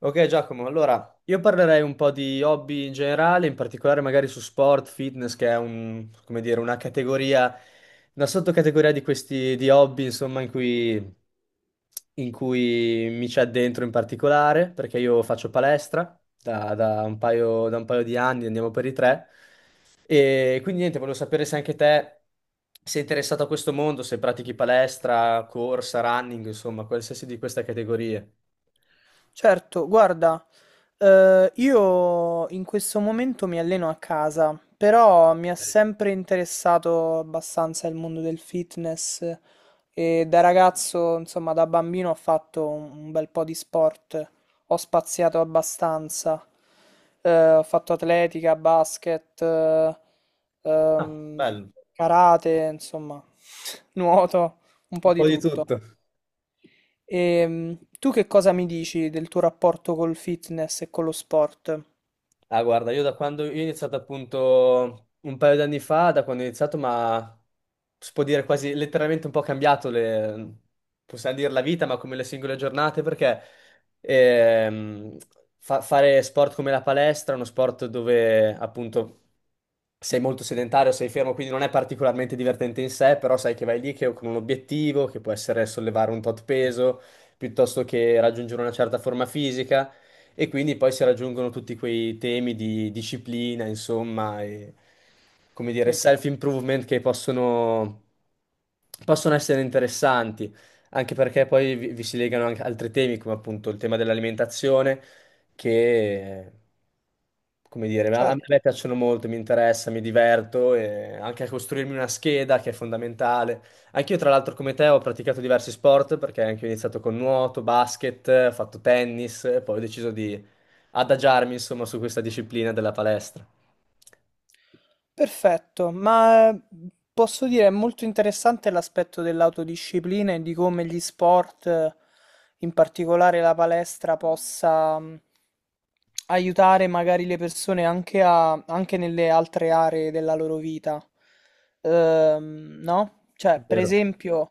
Ok Giacomo, allora io parlerei un po' di hobby in generale, in particolare magari su sport, fitness, che è un, come dire, una categoria, una sottocategoria di questi di hobby, insomma, in cui mi c'è dentro in particolare, perché io faccio palestra da un paio di anni, andiamo per i tre. E quindi niente, volevo sapere se anche te sei interessato a questo mondo, se pratichi palestra, corsa, running, insomma, qualsiasi di queste categorie. Certo, guarda, io in questo momento mi alleno a casa, però mi ha sempre interessato abbastanza il mondo del fitness e da ragazzo, insomma, da bambino ho fatto un bel po' di sport, ho spaziato abbastanza. Ho fatto atletica, basket, Ah, ehm, bello. karate, insomma, nuoto, un Un po' di po' di tutto. tutto. E tu che cosa mi dici del tuo rapporto col fitness e con lo sport? Ah, guarda, io da quando io ho iniziato appunto un paio d'anni fa, da quando ho iniziato, ma si può dire quasi letteralmente un po' cambiato le, possiamo dire la vita, ma come le singole giornate, perché ehm, fare sport come la palestra è uno sport dove appunto sei molto sedentario, sei fermo, quindi non è particolarmente divertente in sé, però sai che vai lì che, con un obiettivo, che può essere sollevare un tot peso, piuttosto che raggiungere una certa forma fisica. E quindi poi si raggiungono tutti quei temi di disciplina, insomma, e come dire, Mm, self-improvement che possono essere interessanti, anche perché poi vi si legano anche altri temi, come appunto il tema dell'alimentazione, che, come dire, a certo. me piacciono molto, mi interessa, mi diverto, e anche a costruirmi una scheda che è fondamentale. Anch'io, tra l'altro, come te, ho praticato diversi sport perché anche io ho iniziato con nuoto, basket, ho fatto tennis e poi ho deciso di adagiarmi, insomma, su questa disciplina della palestra. Perfetto, ma posso dire è molto interessante l'aspetto dell'autodisciplina e di come gli sport, in particolare la palestra, possa aiutare magari le persone anche, a, anche nelle altre aree della loro vita. No? Cioè, per Vero. esempio,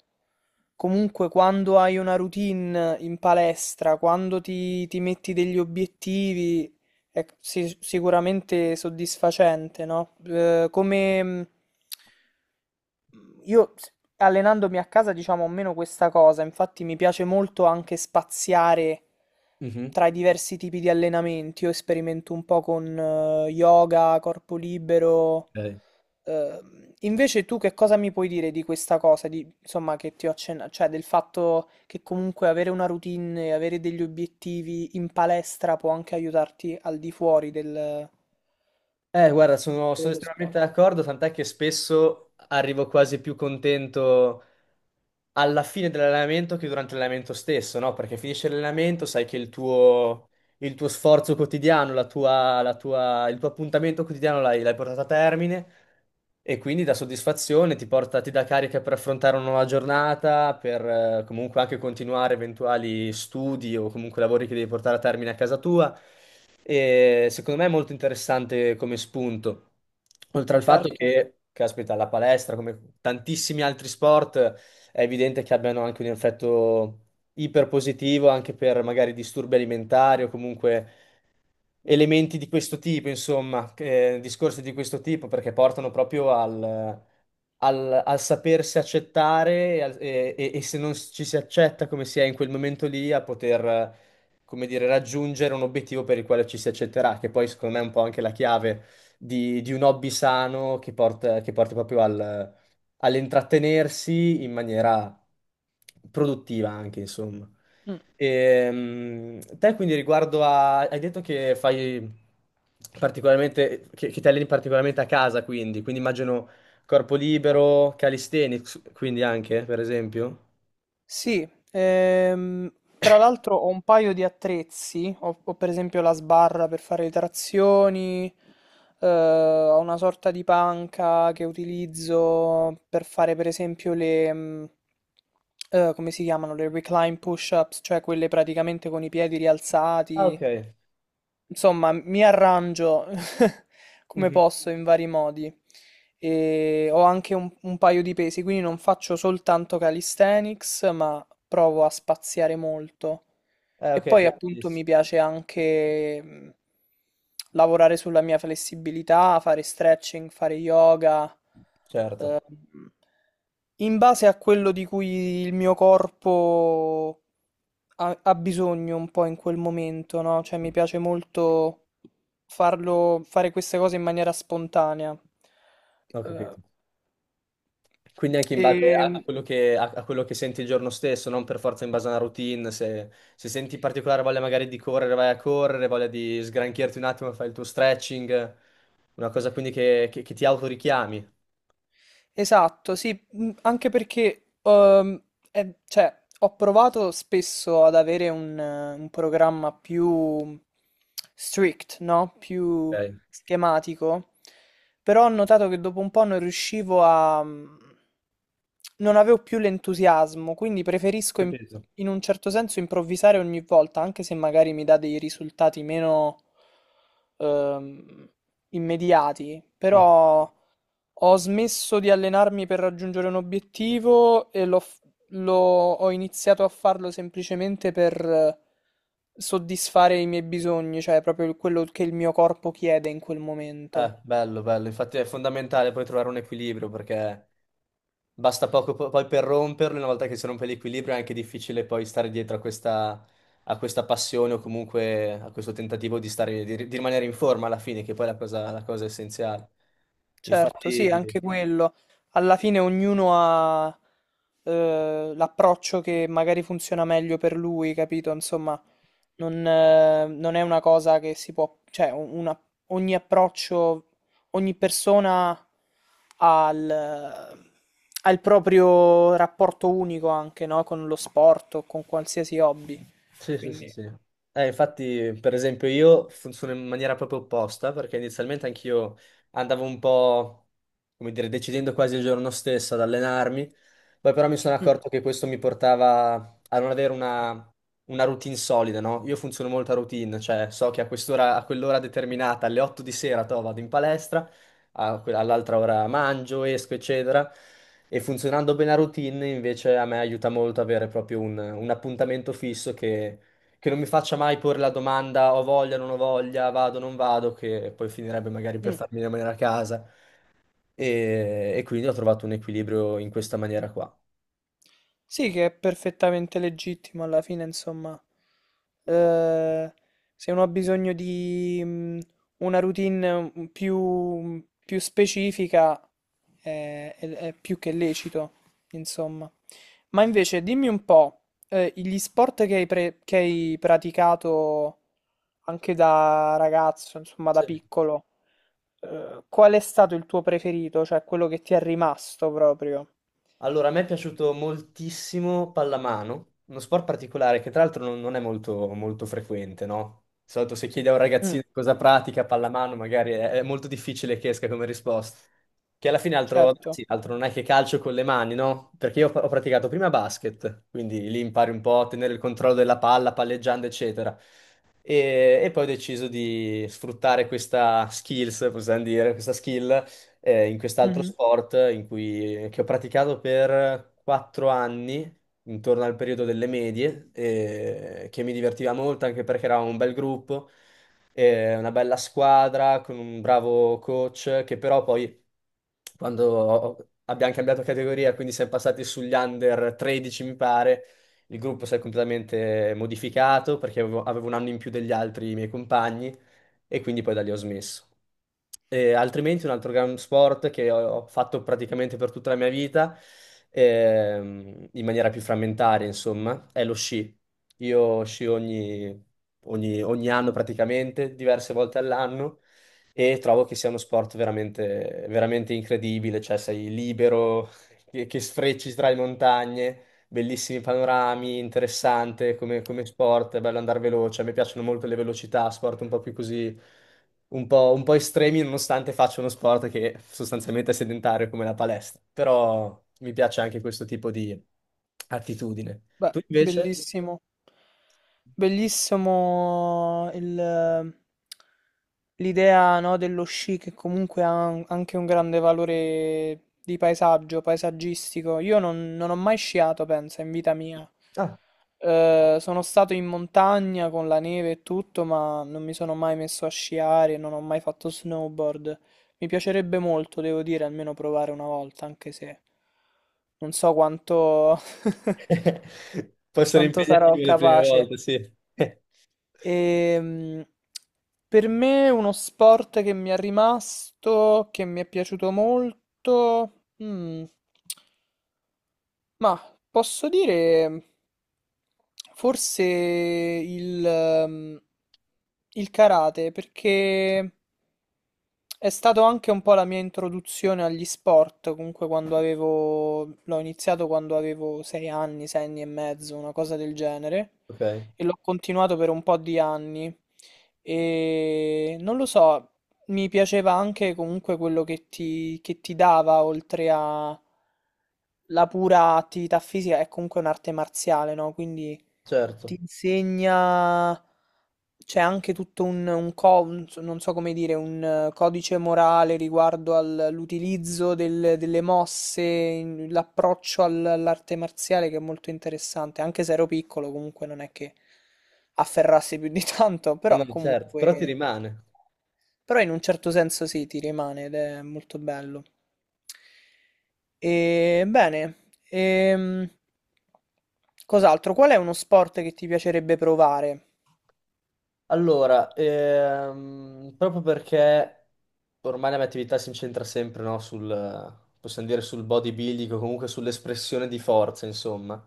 comunque quando hai una routine in palestra, quando ti metti degli obiettivi, è sicuramente soddisfacente, no? Come io s- allenandomi a casa, diciamo, ho meno questa cosa, infatti mi piace molto anche spaziare Mhm. tra i diversi tipi di allenamenti. Io sperimento un po' con yoga, corpo libero. Ok. Invece tu che cosa mi puoi dire di questa cosa, di, insomma, che ti ho accennato, cioè del fatto che comunque avere una routine e avere degli obiettivi in palestra può anche aiutarti al di fuori Guarda, sono dello estremamente sport. d'accordo, tant'è che spesso arrivo quasi più contento alla fine dell'allenamento che durante l'allenamento stesso, no? Perché finisce l'allenamento, sai che il tuo sforzo quotidiano, il tuo appuntamento quotidiano l'hai portato a termine e quindi dà soddisfazione, ti porta, ti dà carica per affrontare una nuova giornata, per comunque anche continuare eventuali studi o comunque lavori che devi portare a termine a casa tua. E secondo me è molto interessante come spunto. Oltre al fatto Certo. che, caspita, la palestra, come tantissimi altri sport, è evidente che abbiano anche un effetto iperpositivo anche per magari disturbi alimentari o comunque elementi di questo tipo, insomma, discorsi di questo tipo, perché portano proprio al sapersi accettare e se non ci si accetta come si è in quel momento lì, a poter, come dire, raggiungere un obiettivo per il quale ci si accetterà, che poi secondo me è un po' anche la chiave di un hobby sano che porti proprio all'intrattenersi in maniera produttiva anche, insomma. Mm. Te quindi riguardo a... Hai detto che fai particolarmente... che ti alleni particolarmente a casa, quindi. Quindi immagino corpo libero, calisthenics, quindi anche, per esempio. Sì, tra l'altro ho un paio di attrezzi, ho, ho per esempio la sbarra per fare le trazioni, ho una sorta di panca che utilizzo per fare per esempio le, come si chiamano, le recline push-ups, cioè quelle praticamente con i piedi Ah, rialzati. ok. Insomma, mi arrangio come Mhm. posso in vari modi e ho anche un paio di pesi, quindi non faccio soltanto calisthenics, ma provo a spaziare molto. Eh, E ok, poi fai appunto mi benissimo. piace anche lavorare sulla mia flessibilità, fare stretching, fare yoga, Certo, in base a quello di cui il mio corpo ha, ha bisogno un po' in quel momento, no? Cioè mi piace molto farlo, fare queste cose in maniera spontanea. ho capito. Eh, Quindi anche in e base a, a quello che senti il giorno stesso, non per forza in base a una routine. Se senti particolare voglia magari di correre, vai a correre, voglia di sgranchirti un attimo, fai il tuo stretching, una cosa quindi che, che ti autorichiami. Esatto, sì, anche perché cioè, ho provato spesso ad avere un programma più strict, no? Più Ok, schematico, però ho notato che dopo un po' non riuscivo a... non avevo più l'entusiasmo, quindi preferisco capito. in un certo senso improvvisare ogni volta, anche se magari mi dà dei risultati meno ehm, immediati, Mm. però... Ho smesso di allenarmi per raggiungere un obiettivo e ho iniziato a farlo semplicemente per soddisfare i miei bisogni, cioè proprio quello che il mio corpo chiede in quel momento. Bello, bello. Infatti è fondamentale poi trovare un equilibrio perché basta poco poi per romperlo, una volta che si rompe l'equilibrio è anche difficile poi stare dietro a questa passione o comunque a questo tentativo di stare, di rimanere in forma alla fine, che poi è la cosa essenziale. Certo, sì, anche Infatti, quello. Alla fine ognuno ha l'approccio che magari funziona meglio per lui, capito? Insomma, non è una cosa che si può, cioè, ogni approccio, ogni persona ha il proprio rapporto unico anche, no? Con lo sport o con qualsiasi hobby. sì, sì, sì, Quindi, sì. Infatti, per esempio, io funziono in maniera proprio opposta, perché inizialmente anch'io andavo un po', come dire, decidendo quasi il giorno stesso ad allenarmi, poi però mi sono mm, accorto che questo mi portava a non avere una routine solida, no? Io funziono molto a routine, cioè so che a quest'ora, a quell'ora determinata, alle 8 di sera, to, vado in palestra, all'altra ora mangio, esco, eccetera. E funzionando bene la routine, invece, a me aiuta molto avere proprio un appuntamento fisso che non mi faccia mai porre la domanda ho voglia, non ho voglia, vado, non vado, che poi finirebbe magari per mm. farmi rimanere a casa. E quindi ho trovato un equilibrio in questa maniera qua. Sì, che è perfettamente legittimo alla fine, insomma. Eh, Se uno ha bisogno di una routine più, più specifica, è più che lecito, insomma. Ma invece, dimmi un po', gli sport che hai praticato anche da ragazzo, insomma, da Sì. piccolo, qual è stato il tuo preferito, cioè quello che ti è rimasto proprio? Allora, a me è piaciuto moltissimo pallamano, uno sport particolare che tra l'altro non è molto, molto frequente, no? Di solito se chiedi a un Mm, ragazzino cosa pratica pallamano, magari è, molto difficile che esca come risposta. Che alla fine altro, certo. sì, altro non è che calcio con le mani, no? Perché io ho praticato prima basket, quindi lì impari un po' a tenere il controllo della palla, palleggiando, eccetera. E poi ho deciso di sfruttare questa skill in quest'altro Mm-hmm. sport in cui, che ho praticato per 4 anni, intorno al periodo delle medie, e che mi divertiva molto anche perché eravamo un bel gruppo, una bella squadra con un bravo coach che però poi quando abbiamo cambiato categoria, quindi siamo passati sugli under 13 mi pare, il gruppo si è completamente modificato perché avevo un anno in più degli altri miei compagni e quindi poi da lì ho smesso. E altrimenti un altro gran sport che ho fatto praticamente per tutta la mia vita, in maniera più frammentaria, insomma, è lo sci. Io sci ogni anno praticamente, diverse volte all'anno, e trovo che sia uno sport veramente, veramente incredibile, cioè sei libero, che sfrecci tra le montagne, bellissimi panorami, interessante come, come sport, è bello andare veloce, a me piacciono molto le velocità, sport un po' più così, un po' estremi, nonostante faccia uno sport che sostanzialmente è sedentario come la palestra, però mi piace anche questo tipo di attitudine. Beh, Tu invece? bellissimo. Bellissimo l'idea, no, dello sci che comunque ha anche un grande valore di paesaggio, paesaggistico. Io non ho mai sciato, pensa, in vita mia. Ah, Sono stato in montagna con la neve e tutto, ma non mi sono mai messo a sciare, non ho mai fatto snowboard. Mi piacerebbe molto, devo dire, almeno provare una volta, anche se non so quanto può essere sarò impegnativo le prime capace. volte, sì. Ehm, per me uno sport che mi è rimasto, che mi è piaciuto molto, mm, ma posso dire forse il karate, perché è stato anche un po' la mia introduzione agli sport, comunque quando avevo... l'ho iniziato quando avevo 6 anni, 6 anni e mezzo, una cosa del genere, Ok, e l'ho continuato per un po' di anni. E non lo so, mi piaceva anche comunque quello che ti dava, oltre a la pura attività fisica, è comunque un'arte marziale, no? Quindi ti certo. insegna c'è anche tutto non so come dire, un codice morale riguardo all'utilizzo delle mosse, l'approccio all'arte marziale che è molto interessante, anche se ero piccolo comunque non è che afferrassi più di tanto, No, però no, certo, però ti comunque, rimane. però in un certo senso sì, ti rimane ed è molto bello. E, bene, ehm, cos'altro? Qual è uno sport che ti piacerebbe provare? Allora, proprio perché ormai la mia attività si incentra sempre, no, sul, possiamo dire, sul bodybuilding o comunque sull'espressione di forza, insomma.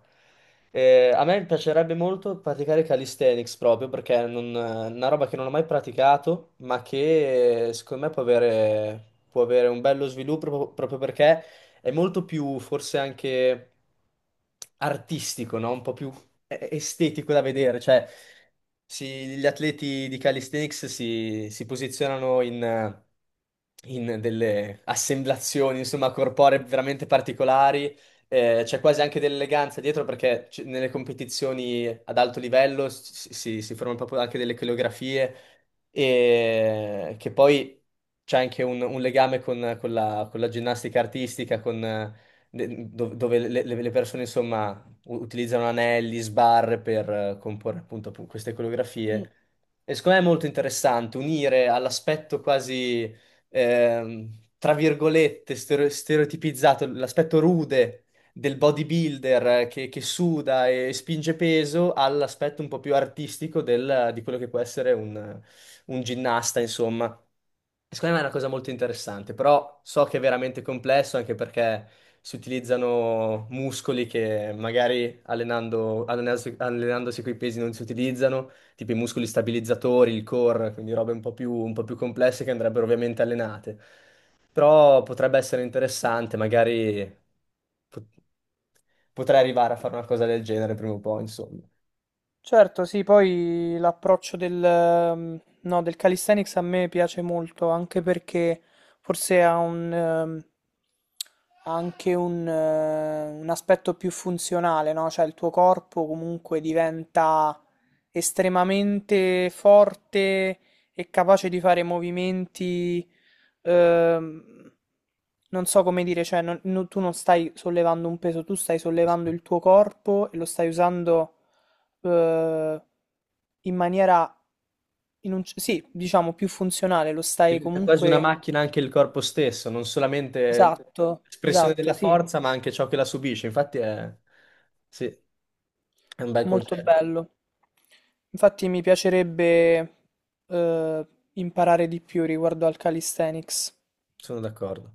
A me piacerebbe molto praticare calisthenics proprio perché non, è una roba che non ho mai praticato, ma che secondo me può avere un bello sviluppo proprio perché è molto più, forse anche artistico, no? Un po' più è estetico da vedere, cioè gli atleti di calisthenics si posizionano in delle assemblazioni, insomma, corporee veramente particolari, c'è quasi anche dell'eleganza dietro perché nelle competizioni ad alto livello si formano proprio anche delle coreografie e che poi c'è anche un legame con la ginnastica artistica, dove le persone, insomma utilizzano anelli, sbarre per comporre appunto queste Mm. coreografie. E secondo me è molto interessante unire all'aspetto quasi, tra virgolette, stereotipizzato, l'aspetto rude del bodybuilder che suda e spinge peso all'aspetto un po' più artistico di quello che può essere un ginnasta, insomma. Secondo me è una cosa molto interessante, però so che è veramente complesso anche perché si utilizzano muscoli che magari allenandosi coi pesi non si utilizzano, tipo i muscoli stabilizzatori, il core, quindi robe un po' più complesse che andrebbero ovviamente allenate. Però potrebbe essere interessante, magari pot- potrei arrivare a fare una cosa del genere prima o poi, insomma. Certo, sì, poi l'approccio del, no, del calisthenics a me piace molto, anche perché forse ha un, ha anche un aspetto più funzionale, no? Cioè il tuo corpo comunque diventa estremamente forte e capace di fare movimenti, ehm, non so come dire, cioè tu non stai sollevando un peso, tu stai sollevando il tuo corpo e lo stai usando eh, in maniera sì, diciamo più funzionale, lo stai Diventa quasi una comunque. macchina anche il corpo stesso, non solamente Esatto, espressione esatto, della sì, forza, ma anche ciò che la subisce. Infatti è, sì, è un bel molto concetto, bello. Infatti mi piacerebbe eh, imparare di più riguardo al calisthenics. sono d'accordo.